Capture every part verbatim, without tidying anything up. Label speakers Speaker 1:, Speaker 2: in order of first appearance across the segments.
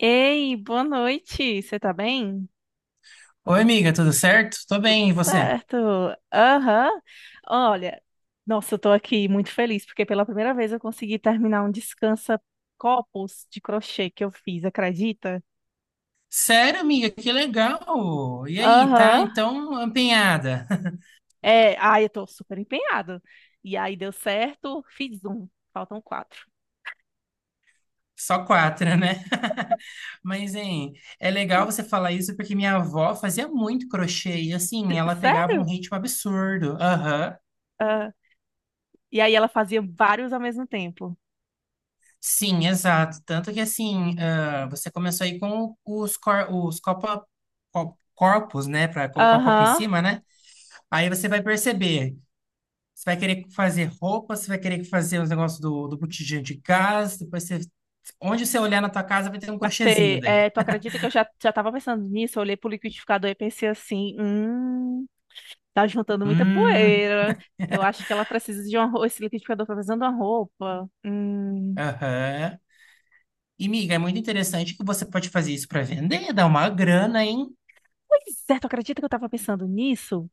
Speaker 1: Ei, boa noite. Você tá bem?
Speaker 2: Oi, amiga, tudo certo? Tô bem, e você?
Speaker 1: Certo. Aham. Olha, nossa, eu tô aqui muito feliz porque pela primeira vez eu consegui terminar um descansa copos de crochê que eu fiz, acredita?
Speaker 2: Sério, amiga, que legal! E aí, tá?
Speaker 1: Aham.
Speaker 2: Então, empenhada.
Speaker 1: É, ai, eu tô super empenhado. E aí deu certo, fiz um. Faltam quatro.
Speaker 2: Só quatro, né? Mas, hein, é legal
Speaker 1: Hum.
Speaker 2: você falar isso porque minha avó fazia muito crochê e, assim,
Speaker 1: S-
Speaker 2: ela pegava um
Speaker 1: Sério?
Speaker 2: ritmo absurdo. Aham.
Speaker 1: Ah, e aí ela fazia vários ao mesmo tempo.
Speaker 2: Sim, exato. Tanto que, assim, ah, você começou aí com os, cor os copa- co- corpos, né? Pra colocar o copo em
Speaker 1: Aham,
Speaker 2: cima, né? Aí você vai perceber. Você vai querer fazer roupa, você vai querer fazer os negócios do, do botijão de gás, depois você. Onde você olhar na tua casa vai ter um
Speaker 1: vai
Speaker 2: crochêzinho
Speaker 1: ter.
Speaker 2: daí.
Speaker 1: É, tu acredita que eu já, já tava pensando nisso? Eu olhei pro liquidificador e pensei assim: hum. Tá juntando muita
Speaker 2: Hum,
Speaker 1: poeira. Eu acho que ela precisa de uma roupa. Esse liquidificador tá precisando de uma roupa. Hum.
Speaker 2: aham. E, miga, é muito interessante que você pode fazer isso para vender, dar uma grana, hein?
Speaker 1: Pois é, tu acredita que eu tava pensando nisso?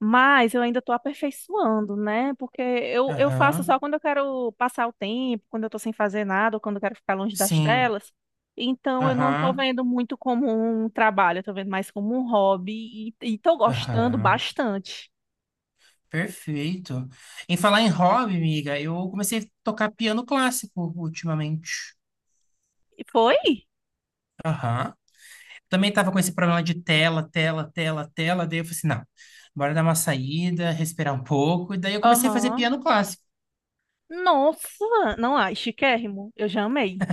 Speaker 1: Mas eu ainda tô aperfeiçoando, né? Porque eu, eu faço
Speaker 2: Aham,
Speaker 1: só quando eu quero passar o tempo, quando eu tô sem fazer nada, ou quando eu quero ficar longe das
Speaker 2: sim,
Speaker 1: telas. Então eu não tô
Speaker 2: aham,
Speaker 1: vendo muito como um trabalho, eu tô vendo mais como um hobby e, e tô gostando
Speaker 2: aham.
Speaker 1: bastante.
Speaker 2: Perfeito. Em falar em hobby, miga, eu comecei a tocar piano clássico ultimamente.
Speaker 1: E foi?
Speaker 2: Aham. Também estava com esse problema de tela, tela, tela, tela. Daí eu falei assim, não, bora dar uma saída, respirar um pouco. E daí eu comecei a fazer
Speaker 1: Aham.
Speaker 2: piano clássico.
Speaker 1: Nossa, não, ai, chiquérrimo. Eu já amei.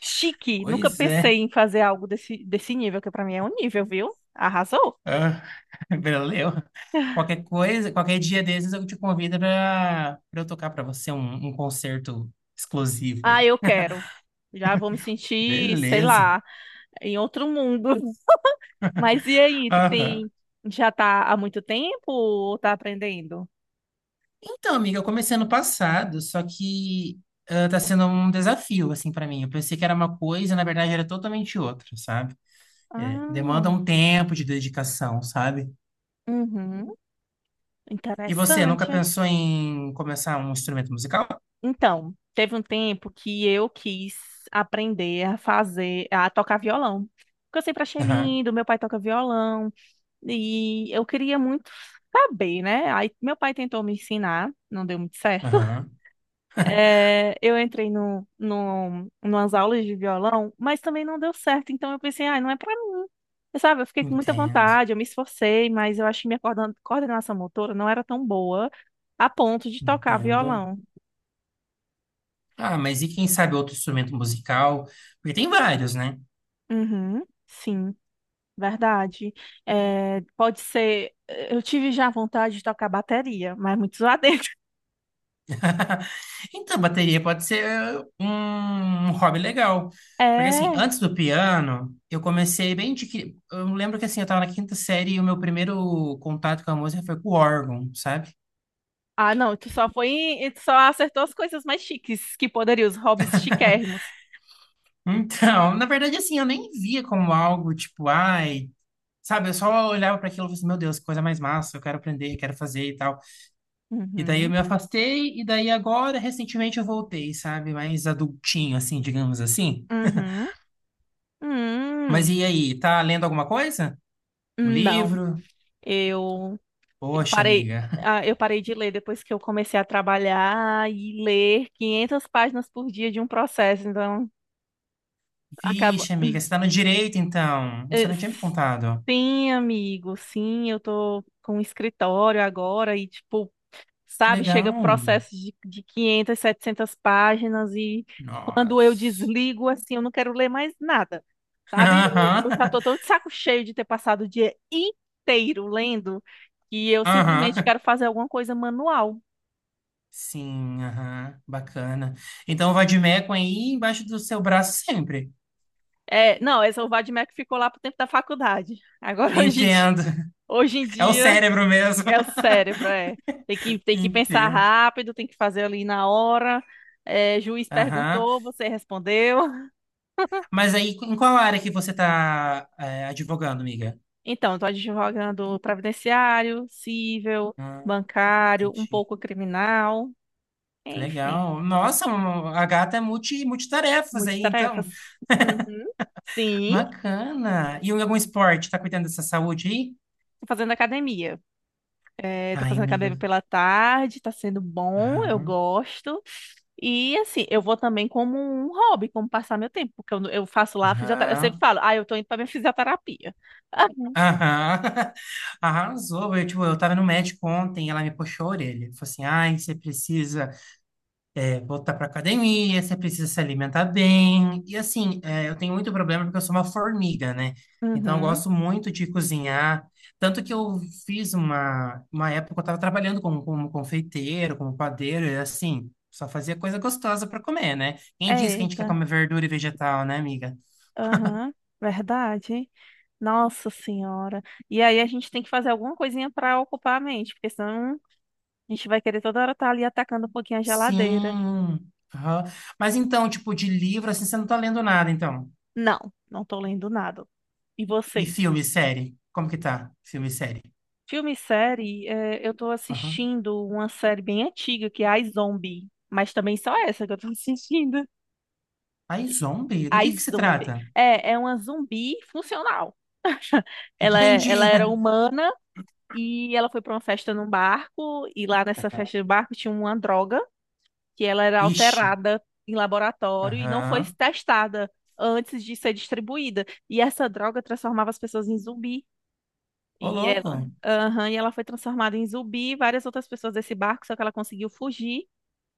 Speaker 1: Chique. Nunca
Speaker 2: Pois
Speaker 1: pensei
Speaker 2: é,
Speaker 1: em fazer algo desse, desse nível, que pra mim é um nível, viu? Arrasou.
Speaker 2: ah, valeu. Qualquer coisa, qualquer dia desses eu te convido para eu tocar para você um, um concerto exclusivo aí.
Speaker 1: Ah, eu quero. Já vou me sentir, sei
Speaker 2: Beleza.
Speaker 1: lá, em outro mundo. Mas e aí, tu
Speaker 2: Aham.
Speaker 1: tem já tá há muito tempo ou tá aprendendo?
Speaker 2: Então, amiga, eu comecei ano passado, só que ah, tá sendo um desafio, assim, para mim. Eu pensei que era uma coisa, na verdade era totalmente outra, sabe? É, demanda
Speaker 1: Ah,
Speaker 2: um tempo de dedicação, sabe?
Speaker 1: uhum,
Speaker 2: E você nunca
Speaker 1: interessante.
Speaker 2: pensou em começar um instrumento musical?
Speaker 1: Então, teve um tempo que eu quis aprender a fazer, a tocar violão. Porque eu sempre achei
Speaker 2: Aham,
Speaker 1: lindo, meu pai toca violão. E eu queria muito saber, né? Aí meu pai tentou me ensinar, não deu muito certo.
Speaker 2: aham,
Speaker 1: É, eu entrei no, no, numas aulas de violão, mas também não deu certo. Então eu pensei, ah, não é pra mim. Eu, sabe, eu fiquei com muita
Speaker 2: entendo,
Speaker 1: vontade, eu me esforcei, mas eu acho que minha coordan- coordenação motora não era tão boa a ponto de tocar
Speaker 2: entendo.
Speaker 1: violão.
Speaker 2: Ah, mas e quem sabe outro instrumento musical? Porque tem vários, né?
Speaker 1: Uhum, sim, verdade. É, pode ser. Eu tive já vontade de tocar bateria, mas muito zoadento.
Speaker 2: Então, bateria pode ser um um hobby legal. Porque, assim,
Speaker 1: É.
Speaker 2: antes do piano, eu comecei bem de que. Eu lembro que, assim, eu tava na quinta série e o meu primeiro contato com a música foi com o órgão, sabe?
Speaker 1: Ah, não, tu só foi, em- tu só acertou as coisas mais chiques que poderiam, os hobbies chiquérrimos.
Speaker 2: Então, na verdade, assim, eu nem via como algo tipo, ai, sabe, eu só olhava para aquilo e falei assim, meu Deus, que coisa mais massa, eu quero aprender, quero fazer e tal. E daí eu
Speaker 1: Uhum,
Speaker 2: me afastei, e daí agora, recentemente, eu voltei, sabe? Mais adultinho, assim, digamos assim.
Speaker 1: uhum,
Speaker 2: Mas
Speaker 1: hum,
Speaker 2: e aí, tá lendo alguma coisa? Um
Speaker 1: não,
Speaker 2: livro?
Speaker 1: eu, eu
Speaker 2: Poxa,
Speaker 1: parei,
Speaker 2: amiga.
Speaker 1: ah, eu parei de ler depois que eu comecei a trabalhar e ler quinhentas páginas por dia de um processo, então acaba.
Speaker 2: Vixe, amiga, você tá no direito, então. Você
Speaker 1: Eh,
Speaker 2: não tinha me contado.
Speaker 1: sim, amigo, sim, eu tô com um escritório agora e, tipo, sabe? Chega
Speaker 2: Legal.
Speaker 1: processos de, de quinhentas, setecentas páginas e quando eu
Speaker 2: Nossa.
Speaker 1: desligo, assim, eu não quero ler mais nada, sabe? Eu, eu já tô tão de saco cheio de ter passado o dia inteiro lendo que eu
Speaker 2: Aham.
Speaker 1: simplesmente
Speaker 2: Aham.
Speaker 1: quero fazer alguma coisa manual.
Speaker 2: Sim, aham. Bacana. Então, o Vadimecum aí embaixo do seu braço sempre.
Speaker 1: É, não, essa Vadimek ficou lá pro tempo da faculdade. Agora, hoje em dia,
Speaker 2: Entendo.
Speaker 1: hoje em
Speaker 2: É o
Speaker 1: dia
Speaker 2: cérebro mesmo.
Speaker 1: é o cérebro, é. Tem que, tem que pensar
Speaker 2: Entendo.
Speaker 1: rápido, tem que fazer ali na hora. É, juiz
Speaker 2: Aham.
Speaker 1: perguntou, você respondeu.
Speaker 2: Mas aí, em qual área que você tá é, advogando, amiga?
Speaker 1: Então, estou advogando previdenciário, civil,
Speaker 2: Ah,
Speaker 1: bancário, um
Speaker 2: entendi.
Speaker 1: pouco criminal,
Speaker 2: Que
Speaker 1: enfim,
Speaker 2: legal. Nossa, um- a gata é multi, multitarefas aí, então.
Speaker 1: multitarefas. Uhum. Sim,
Speaker 2: Bacana. E algum esporte? Tá cuidando dessa saúde aí?
Speaker 1: tô fazendo academia. É, tô
Speaker 2: Ai,
Speaker 1: fazendo
Speaker 2: amiga.
Speaker 1: academia pela tarde, tá sendo bom, eu
Speaker 2: Aham.
Speaker 1: gosto. E assim, eu vou também como um hobby, como passar meu tempo, porque eu, eu faço lá fisioterapia. Eu sempre
Speaker 2: Aham.
Speaker 1: falo, ah, eu tô indo pra minha fisioterapia.
Speaker 2: Aham. Arrasou. Eu, tipo, eu tava no médico ontem, ela me puxou a orelha. Falou assim, ai, você precisa é, voltar para academia, você precisa se alimentar bem. E assim, é, eu tenho muito problema porque eu sou uma formiga, né?
Speaker 1: Uhum.
Speaker 2: Então eu
Speaker 1: Uhum.
Speaker 2: gosto muito de cozinhar. Tanto que eu fiz uma, uma época que eu estava trabalhando como, como confeiteiro, como padeiro, e assim, só fazia coisa gostosa para comer, né? Quem diz que a gente quer
Speaker 1: Eita,
Speaker 2: comer verdura e vegetal, né, amiga?
Speaker 1: aham, verdade. Nossa senhora. E aí a gente tem que fazer alguma coisinha para ocupar a mente, porque senão a gente vai querer toda hora estar ali atacando um pouquinho a geladeira.
Speaker 2: Sim. Aham. Mas então, tipo, de livro, assim, você não tá lendo nada, então.
Speaker 1: Não, não tô lendo nada. E
Speaker 2: E
Speaker 1: você?
Speaker 2: filme, série? Como que tá? Filme e série?
Speaker 1: Filme e série, eh, eu tô
Speaker 2: Aham.
Speaker 1: assistindo uma série bem antiga que é a Zombie, mas também só essa que eu tô assistindo.
Speaker 2: Ai, zombie? Do
Speaker 1: A
Speaker 2: que que se
Speaker 1: Zombie.
Speaker 2: trata?
Speaker 1: É, é uma zumbi funcional. Ela, é- ela
Speaker 2: Entendi.
Speaker 1: era humana e ela foi para uma festa num barco e lá nessa festa do barco tinha uma droga que ela era
Speaker 2: Ixi.
Speaker 1: alterada em laboratório e não foi
Speaker 2: Aham.
Speaker 1: testada antes de ser distribuída. E essa droga transformava as pessoas em zumbi.
Speaker 2: Ô,
Speaker 1: E ela,
Speaker 2: louco.
Speaker 1: aham, e ela foi transformada em zumbi, várias outras pessoas desse barco, só que ela conseguiu fugir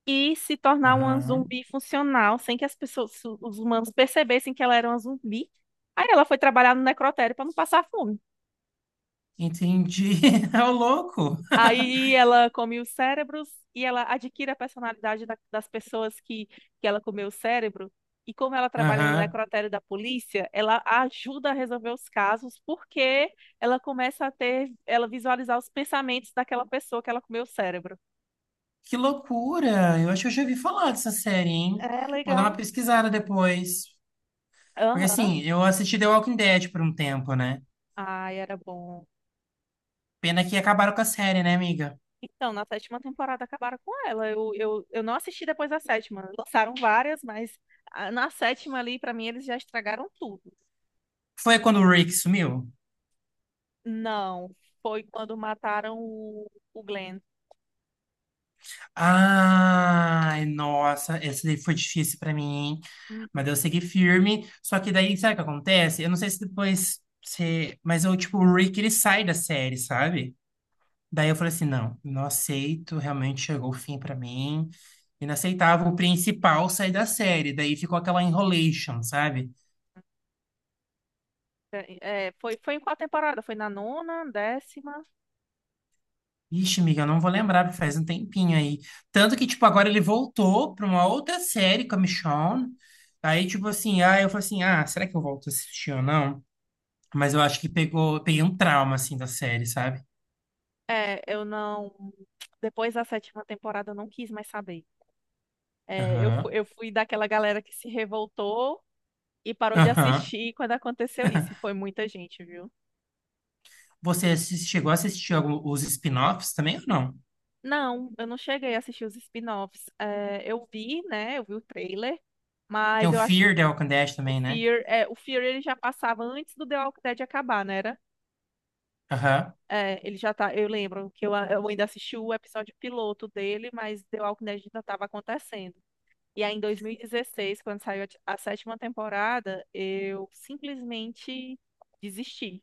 Speaker 1: e se tornar uma
Speaker 2: Aham.
Speaker 1: zumbi funcional, sem que as pessoas, os humanos percebessem que ela era uma zumbi. Aí ela foi trabalhar no necrotério para não passar fome.
Speaker 2: Entendi. Ô, louco.
Speaker 1: Aí ela come os cérebros e ela adquire a personalidade da- das pessoas que, que ela comeu o cérebro. E como ela trabalha no
Speaker 2: Aham.
Speaker 1: necrotério da polícia, ela ajuda a resolver os casos porque ela começa a ter, ela visualizar os pensamentos daquela pessoa que ela comeu o cérebro.
Speaker 2: Que loucura! Eu acho que eu já ouvi falar dessa série, hein?
Speaker 1: É
Speaker 2: Vou dar
Speaker 1: legal.
Speaker 2: uma pesquisada depois. Porque
Speaker 1: Aham.
Speaker 2: assim, eu assisti The Walking Dead por um tempo, né?
Speaker 1: Ai, era bom.
Speaker 2: Pena que acabaram com a série, né, amiga?
Speaker 1: Então, na sétima temporada acabaram com ela. Eu, eu, eu não assisti depois da sétima. Lançaram várias, mas ah, na sétima ali, pra mim, eles já estragaram tudo.
Speaker 2: Foi quando o Rick sumiu?
Speaker 1: Não, foi quando mataram o, o Glenn.
Speaker 2: Ai, nossa, essa daí foi difícil pra mim, hein?
Speaker 1: Uhum.
Speaker 2: Mas eu segui firme. Só que daí, sabe o que acontece? Eu não sei se depois você. Mas eu, tipo, o Rick, ele sai da série, sabe? Daí eu falei assim: não, não aceito. Realmente chegou o fim pra mim. Inaceitável o principal sair da série. Daí ficou aquela enrolation, sabe?
Speaker 1: É, foi, foi em qual temporada? Foi na nona, décima?
Speaker 2: Ixi, amiga, eu não vou lembrar, porque faz um tempinho aí. Tanto que, tipo, agora ele voltou pra uma outra série com a Michonne. Aí, tipo assim, ah, eu falei assim: ah, será que eu volto a assistir ou não? Mas eu acho que pegou, peguei um trauma, assim, da série, sabe?
Speaker 1: É, eu não. Depois da sétima temporada eu não quis mais saber. É, eu, fu-
Speaker 2: Aham.
Speaker 1: eu fui daquela galera que se revoltou e parou de
Speaker 2: Aham.
Speaker 1: assistir quando aconteceu isso. E foi muita gente, viu?
Speaker 2: Você assis- chegou a assistir algum, os spin-offs também ou não?
Speaker 1: Não, eu não cheguei a assistir os spin-offs. É, eu vi, né? Eu vi o trailer,
Speaker 2: Tem
Speaker 1: mas
Speaker 2: o
Speaker 1: eu acho
Speaker 2: Fear the Walking Dead
Speaker 1: o
Speaker 2: também, né?
Speaker 1: Fear, é, o Fear ele já passava antes do The Walking Dead acabar, né? Era?
Speaker 2: Aham.
Speaker 1: É, ele já tá. Eu lembro que eu, a- eu ainda assisti o episódio piloto dele, mas The Walking Dead ainda estava acontecendo. E aí, em dois mil e dezesseis, quando saiu a, t- a sétima temporada, eu simplesmente desisti.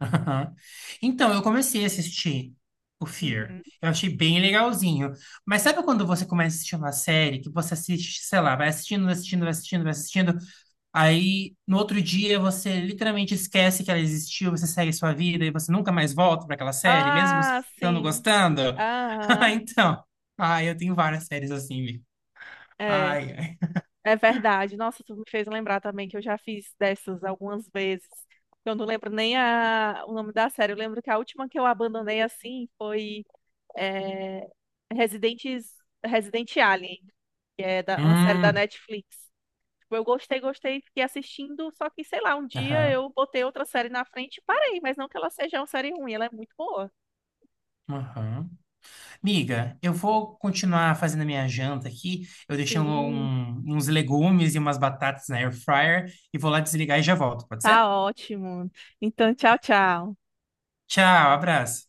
Speaker 2: Aham. Então, eu comecei a assistir o Fear.
Speaker 1: Uhum.
Speaker 2: Eu achei bem legalzinho. Mas sabe quando você começa a assistir uma série que você assiste, sei lá, vai assistindo, vai assistindo, vai assistindo, vai assistindo, aí no outro dia você literalmente esquece que ela existiu, você segue sua vida e você nunca mais volta para aquela série, mesmo você
Speaker 1: Ah,
Speaker 2: estando
Speaker 1: sim.
Speaker 2: gostando? Ah,
Speaker 1: Aham.
Speaker 2: então, ah, eu tenho várias séries assim,
Speaker 1: É,
Speaker 2: ai, ai.
Speaker 1: é verdade. Nossa, tu me fez lembrar também que eu já fiz dessas algumas vezes. Eu não lembro nem a, o nome da série. Eu lembro que a última que eu abandonei assim foi é, Residentes, Resident Alien. Que é da- uma série da
Speaker 2: Hum,
Speaker 1: Netflix. Tipo, eu gostei, gostei, fiquei assistindo, só que, sei lá, um dia
Speaker 2: aham,
Speaker 1: eu botei outra série na frente e parei, mas não que ela seja uma série ruim, ela é muito boa.
Speaker 2: aham. Miga, eu vou continuar fazendo a minha janta aqui. Eu deixei um-
Speaker 1: Sim,
Speaker 2: um, uns legumes e umas batatas na air fryer e vou lá desligar e já volto, pode ser?
Speaker 1: tá ótimo. Então, tchau, tchau.
Speaker 2: Tchau, abraço.